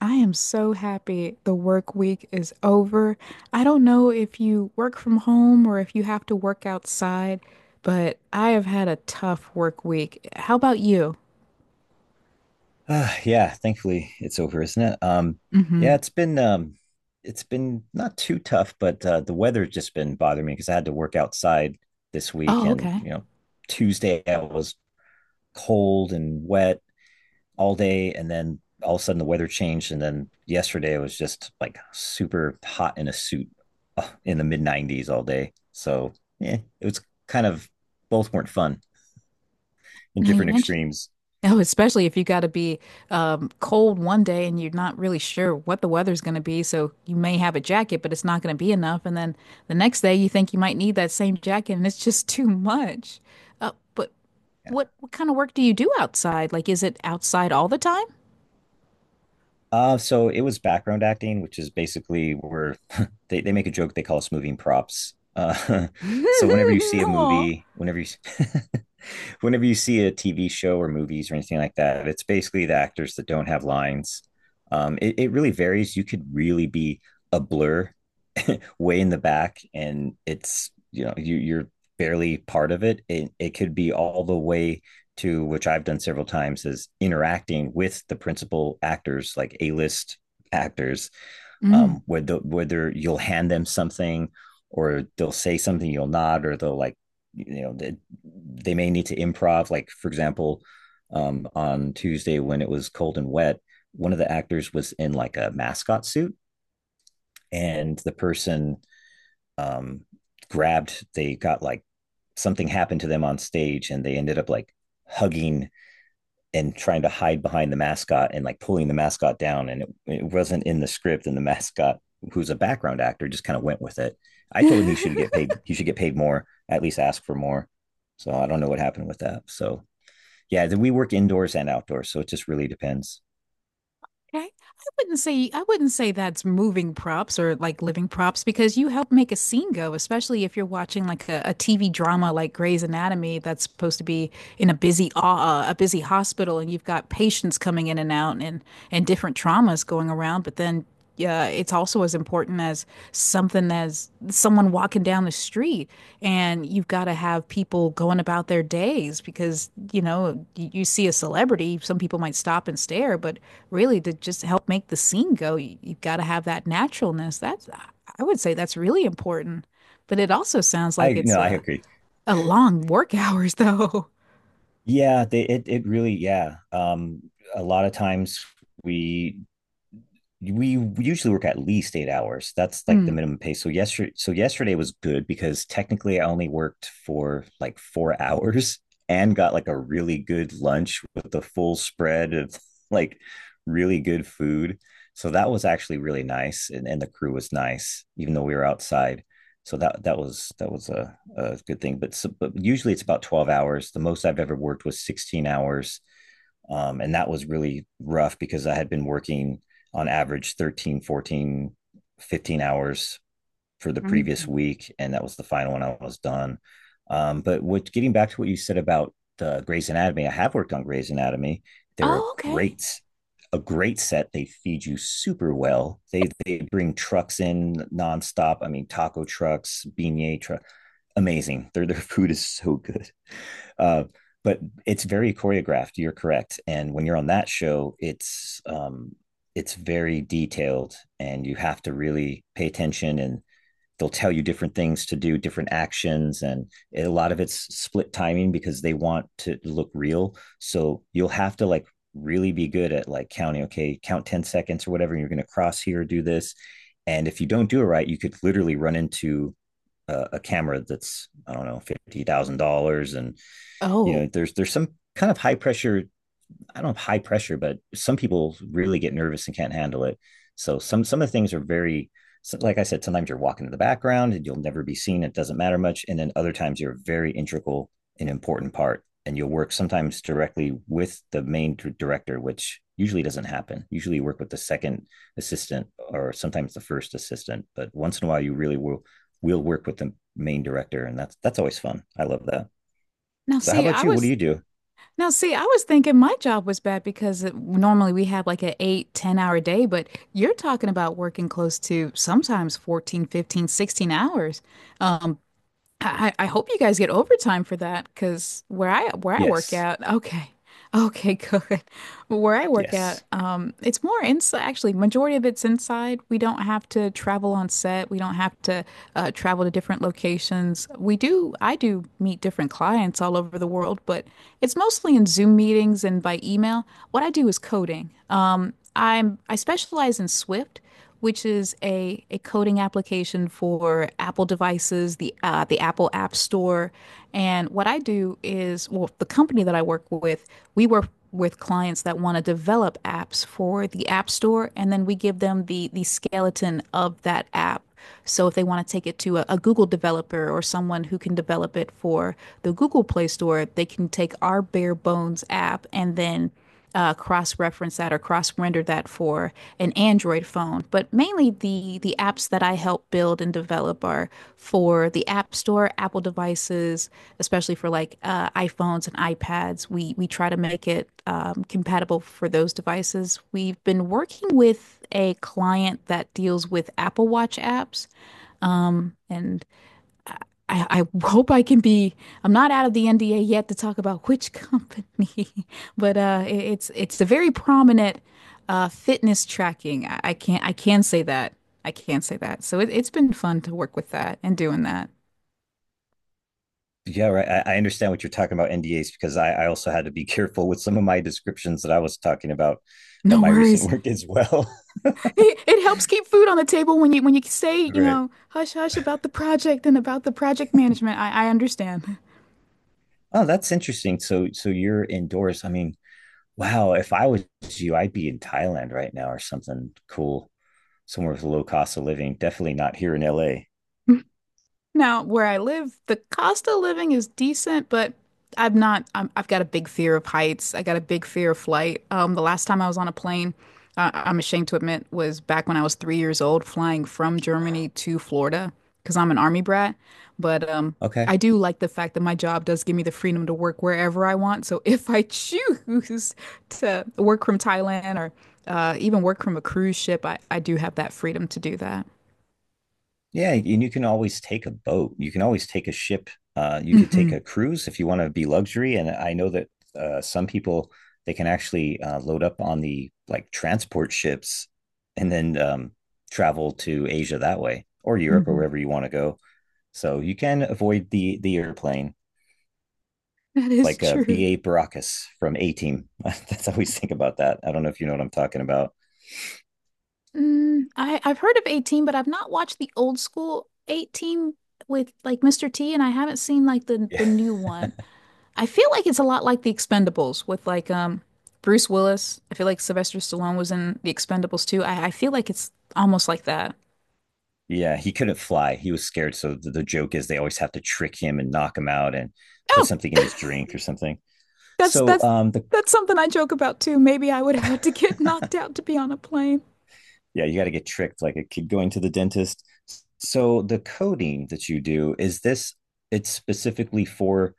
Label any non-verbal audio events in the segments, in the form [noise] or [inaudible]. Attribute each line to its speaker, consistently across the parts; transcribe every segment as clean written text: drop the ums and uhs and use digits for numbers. Speaker 1: I am so happy the work week is over. I don't know if you work from home or if you have to work outside, but I have had a tough work week. How about you?
Speaker 2: Yeah, Thankfully it's over, isn't it? Yeah,
Speaker 1: Hmm.
Speaker 2: it's been it's been not too tough, but the weather's just been bothering me because I had to work outside this week,
Speaker 1: Oh,
Speaker 2: and
Speaker 1: okay.
Speaker 2: you know, Tuesday I was cold and wet all day, and then all of a sudden the weather changed, and then yesterday it was just like super hot in a suit, in the mid 90s all day. So yeah, it was kind of both weren't fun in
Speaker 1: Now you
Speaker 2: different
Speaker 1: mentioned. [laughs]
Speaker 2: extremes.
Speaker 1: Oh, especially if you got to be cold one day and you're not really sure what the weather's going to be. So you may have a jacket, but it's not going to be enough. And then the next day you think you might need that same jacket and it's just [laughs] too much. But
Speaker 2: Yeah.
Speaker 1: what kind of work do you do outside? Like, is it outside all the time?
Speaker 2: So it was background acting, which is basically where [laughs] they make a joke they call us moving props. [laughs] So whenever you
Speaker 1: [laughs]
Speaker 2: see a
Speaker 1: No.
Speaker 2: movie, whenever you [laughs] whenever you see a TV show or movies or anything like that, it's basically the actors that don't have lines. It really varies. You could really be a blur way in the back, and it's, you know, you're barely part of it. It could be all the way to, which I've done several times, is interacting with the principal actors, like A list actors,
Speaker 1: Mm.
Speaker 2: whether you'll hand them something, or they'll say something you'll nod, or they'll like you know they, they may need to improv. Like for example, on Tuesday when it was cold and wet, one of the actors was in like a mascot suit, and the person um, grabbed. They got like, something happened to them on stage, and they ended up like hugging and trying to hide behind the mascot and like pulling the mascot down. And it wasn't in the script, and the mascot, who's a background actor, just kind of went with it. I told him he should
Speaker 1: [laughs]
Speaker 2: get paid. He should get paid more. At least ask for more. So I don't know what happened with that. So yeah, we work indoors and outdoors, so it just really depends.
Speaker 1: Okay. I wouldn't say that's moving props or like living props because you help make a scene go, especially if you're watching like a TV drama like Grey's Anatomy that's supposed to be in a busy hospital and you've got patients coming in and out and different traumas going around, but then yeah, it's also as important as something as someone walking down the street. And you've got to have people going about their days because, you know, you see a celebrity, some people might stop and stare, but really to just help make the scene go, you've got to have that naturalness. I would say that's really important. But it also sounds
Speaker 2: I,
Speaker 1: like it's
Speaker 2: no, I agree.
Speaker 1: a long work hours though. [laughs]
Speaker 2: Yeah, they, it really, yeah. A lot of times we we usually work at least 8 hours. That's like the
Speaker 1: Mm.
Speaker 2: minimum pay. So yesterday was good because technically I only worked for like four [laughs] hours, and got like a really good lunch with the full spread of [laughs] like really good food. So that was actually really nice, and the crew was nice, even though we were outside. So that was a good thing. But usually it's about 12 hours. The most I've ever worked was 16 hours, and that was really rough because I had been working on average 13, 14, 15 hours for the previous
Speaker 1: Mhm.
Speaker 2: week. And that was the final one, I was done. Getting back to what you said about Grey's Anatomy, I have worked on Grey's Anatomy. They're
Speaker 1: Oh, okay.
Speaker 2: a great set. They feed you super well. They bring trucks in nonstop. I mean, taco trucks, beignet truck, amazing. Their food is so good. Uh, but it's very choreographed. You're correct. And when you're on that show, it's very detailed, and you have to really pay attention. And they'll tell you different things to do, different actions, and a lot of it's split timing because they want to look real. So you'll have to like really be good at like counting. Okay, count 10 seconds or whatever. And you're going to cross here, do this, and if you don't do it right, you could literally run into a camera that's, I don't know, $50,000, and you
Speaker 1: Oh,
Speaker 2: know, there's some kind of high pressure. I don't know, high pressure, but some people really get nervous and can't handle it. So some of the things are very, so like I said, sometimes you're walking in the background and you'll never be seen. It doesn't matter much. And then other times you're a very integral and important part. And you'll work sometimes directly with the main director, which usually doesn't happen. Usually you work with the second assistant or sometimes the first assistant. But once in a while, you really will work with the main director. And that's always fun. I love that.
Speaker 1: now
Speaker 2: So how
Speaker 1: see,
Speaker 2: about
Speaker 1: I
Speaker 2: you? What do
Speaker 1: was
Speaker 2: you do?
Speaker 1: Now, see, I was thinking my job was bad because normally we have like an 8, 10 hour day, but you're talking about working close to sometimes 14, 15, 16 hours. Um, I hope you guys get overtime for that because where I work
Speaker 2: Yes.
Speaker 1: out, okay. Okay, [laughs] good. Where I work out,
Speaker 2: Yes.
Speaker 1: it's more inside. Actually, majority of it's inside. We don't have to travel on set. We don't have to travel to different locations. We do. I do meet different clients all over the world, but it's mostly in Zoom meetings and by email. What I do is coding. I specialize in Swift, which is a coding application for Apple devices, the Apple App Store. And what I do is, well, the company that I work with, we work with clients that want to develop apps for the App Store, and then we give them the skeleton of that app. So if they want to take it to a Google developer or someone who can develop it for the Google Play Store, they can take our bare bones app and then cross-reference that or cross-render that for an Android phone. But mainly the apps that I help build and develop are for the App Store, Apple devices, especially for like iPhones and iPads. We try to make it compatible for those devices. We've been working with a client that deals with Apple Watch apps, and I hope I can be. I'm not out of the NDA yet to talk about which company, [laughs] but it's a very prominent fitness tracking. I can't I can say that. I can say that. So it's been fun to work with that and doing that.
Speaker 2: Yeah, right. I understand what you're talking about NDAs, because I also had to be [laughs] careful with some of my descriptions that I was talking about
Speaker 1: No
Speaker 2: my recent [laughs]
Speaker 1: worries.
Speaker 2: work as well. [laughs]
Speaker 1: It helps keep food on the table when you say, you
Speaker 2: Right.
Speaker 1: know, hush hush about the project and about the project management. I understand.
Speaker 2: Oh, that's interesting. So you're indoors. I mean, wow, if I was you, I'd be in Thailand right now or something cool, somewhere with low cost of living. Definitely not here in LA.
Speaker 1: [laughs] Now, where I live, the cost of living is decent, but I'm not, I'm, I've got a big fear of heights. I got a big fear of flight. The last time I was on a plane, I'm ashamed to admit, was back when I was 3 years old, flying from Germany to Florida because I'm an army brat. But
Speaker 2: Okay.
Speaker 1: I do like the fact that my job does give me the freedom to work wherever I want. So [laughs] if I choose to work from Thailand or even work from a cruise ship, I do have that freedom to do that.
Speaker 2: Yeah, and you can always take a boat. You can always take a ship. You could take
Speaker 1: Mhm,
Speaker 2: a cruise if you want to be luxury. And I know that some people, they can actually load up on the like transport ships, and then travel to Asia that way, or Europe, or
Speaker 1: mhm.
Speaker 2: wherever you want to go. So you can avoid the airplane
Speaker 1: [laughs] That is
Speaker 2: like a
Speaker 1: true.
Speaker 2: B. A. Baracus from A Team. [laughs] That's how we think about that. I don't know if you know what I'm talking about.
Speaker 1: Mm, I've heard of 18, but I've not watched the old school 18 with like Mr. T, and I haven't seen like the
Speaker 2: Yeah.
Speaker 1: new one. I feel like it's a lot like the Expendables with like Bruce Willis. I feel like Sylvester Stallone was in the Expendables too. I feel like it's almost like that.
Speaker 2: Yeah, he couldn't fly. He was scared. So the joke is they always have to trick him and knock him out and put
Speaker 1: Oh,
Speaker 2: something in his drink or something.
Speaker 1: that's
Speaker 2: So
Speaker 1: that's
Speaker 2: the
Speaker 1: that's something I joke about too. Maybe I would have to get [laughs]
Speaker 2: [laughs]
Speaker 1: knocked out to be on a plane.
Speaker 2: Yeah, you got to get tricked like a kid going to the dentist. So the coding that you do, is this, it's specifically for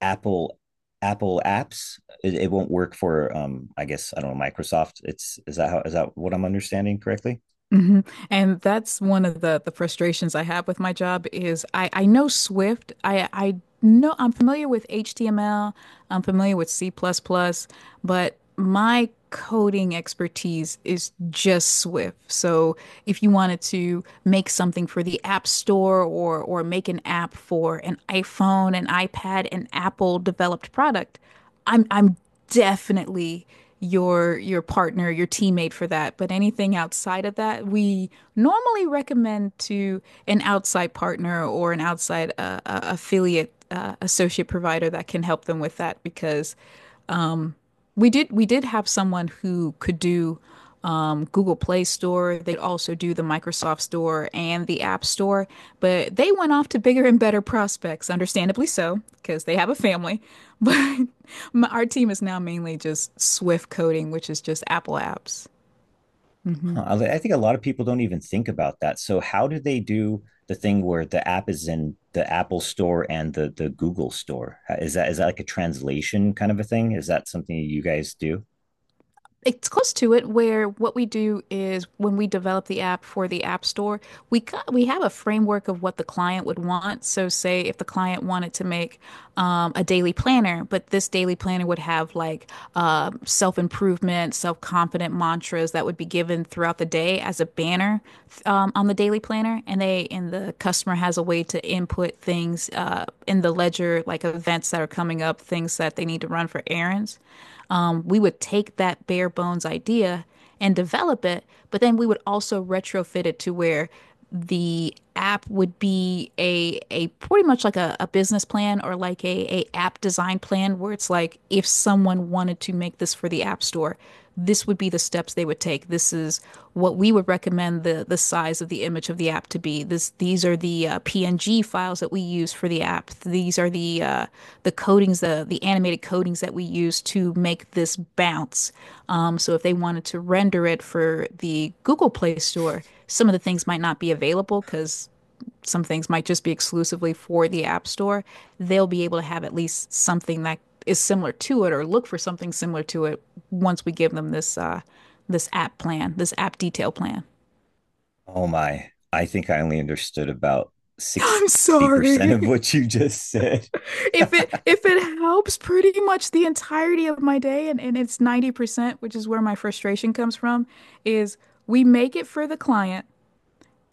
Speaker 2: Apple, apps. It won't work for I guess I don't know, Microsoft. It's is that how is that what I'm understanding correctly?
Speaker 1: Hmm. And that's one of the frustrations I have with my job is I know Swift. I know I'm familiar with HTML. I'm familiar with C++, plus plus, but my coding expertise is just Swift. So if you wanted to make something for the App Store or make an app for an iPhone, an iPad, an Apple developed product, I'm definitely your partner, your teammate for that. But anything outside of that, we normally recommend to an outside partner or an outside affiliate associate provider that can help them with that because we did have someone who could do Google Play Store. They would also do the Microsoft Store and the App Store, but they went off to bigger and better prospects, understandably so, because they have a family. But [laughs] our team is now mainly just Swift coding, which is just Apple apps. Hmm.
Speaker 2: Huh. I think a lot of people don't even think about that. So how do they do the thing where the app is in the Apple Store and the Google Store? Is that like a translation kind of a thing? Is that something you guys do?
Speaker 1: It's close to it where what we do is when we develop the app for the App Store, we have a framework of what the client would want. So say if the client wanted to make a daily planner, but this daily planner would have like self-improvement, self-confident mantras that would be given throughout the day as a banner on the daily planner, and the customer has a way to input things in the ledger, like events that are coming up, things that they need to run for errands we would take that bare bones idea and develop it, but then we would also retrofit it to where the app would be a pretty much like a business plan or like a app design plan where it's like if someone wanted to make this for the app store, this would be the steps they would take. This is what we would recommend the size of the image of the app to be. This These are the PNG files that we use for the app. These are the coatings the animated coatings that we use to make this bounce. So if they wanted to render it for the Google Play Store, some of the things might not be available because some things might just be exclusively for the App Store, they'll be able to have at least something that is similar to it or look for something similar to it once we give them this this app plan, this app detail plan.
Speaker 2: Oh my! I think I only understood about
Speaker 1: [laughs] I'm
Speaker 2: 60%
Speaker 1: sorry.
Speaker 2: of what you just said.
Speaker 1: If it helps pretty much the entirety of my day and it's 90%, which is where my frustration comes from, is we make it for the client.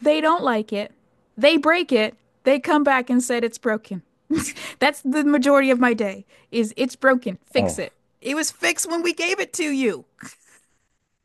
Speaker 1: They don't like it. They break it. They come back and said it's broken. [laughs] That's the majority of my day is it's broken.
Speaker 2: [laughs]
Speaker 1: Fix
Speaker 2: Oh.
Speaker 1: it. It was fixed when we gave it to you.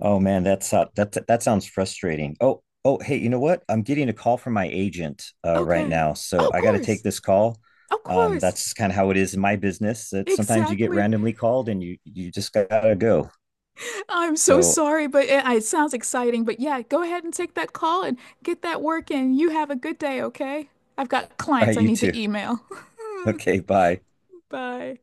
Speaker 2: Oh man, that's that sounds frustrating. Oh, oh, hey, you know what? I'm getting a call from my agent right
Speaker 1: Okay.
Speaker 2: now,
Speaker 1: Oh,
Speaker 2: so
Speaker 1: of
Speaker 2: I got to take
Speaker 1: course.
Speaker 2: this call.
Speaker 1: Of course.
Speaker 2: That's kind of how it is in my business. That sometimes you get
Speaker 1: Exactly.
Speaker 2: randomly called and you just gotta go.
Speaker 1: I'm so
Speaker 2: So, all
Speaker 1: sorry, but it sounds exciting. But yeah, go ahead and take that call and get that work in. You have a good day, okay? I've got clients
Speaker 2: right,
Speaker 1: I
Speaker 2: you
Speaker 1: need to
Speaker 2: too.
Speaker 1: email.
Speaker 2: Okay, bye.
Speaker 1: [laughs] Bye.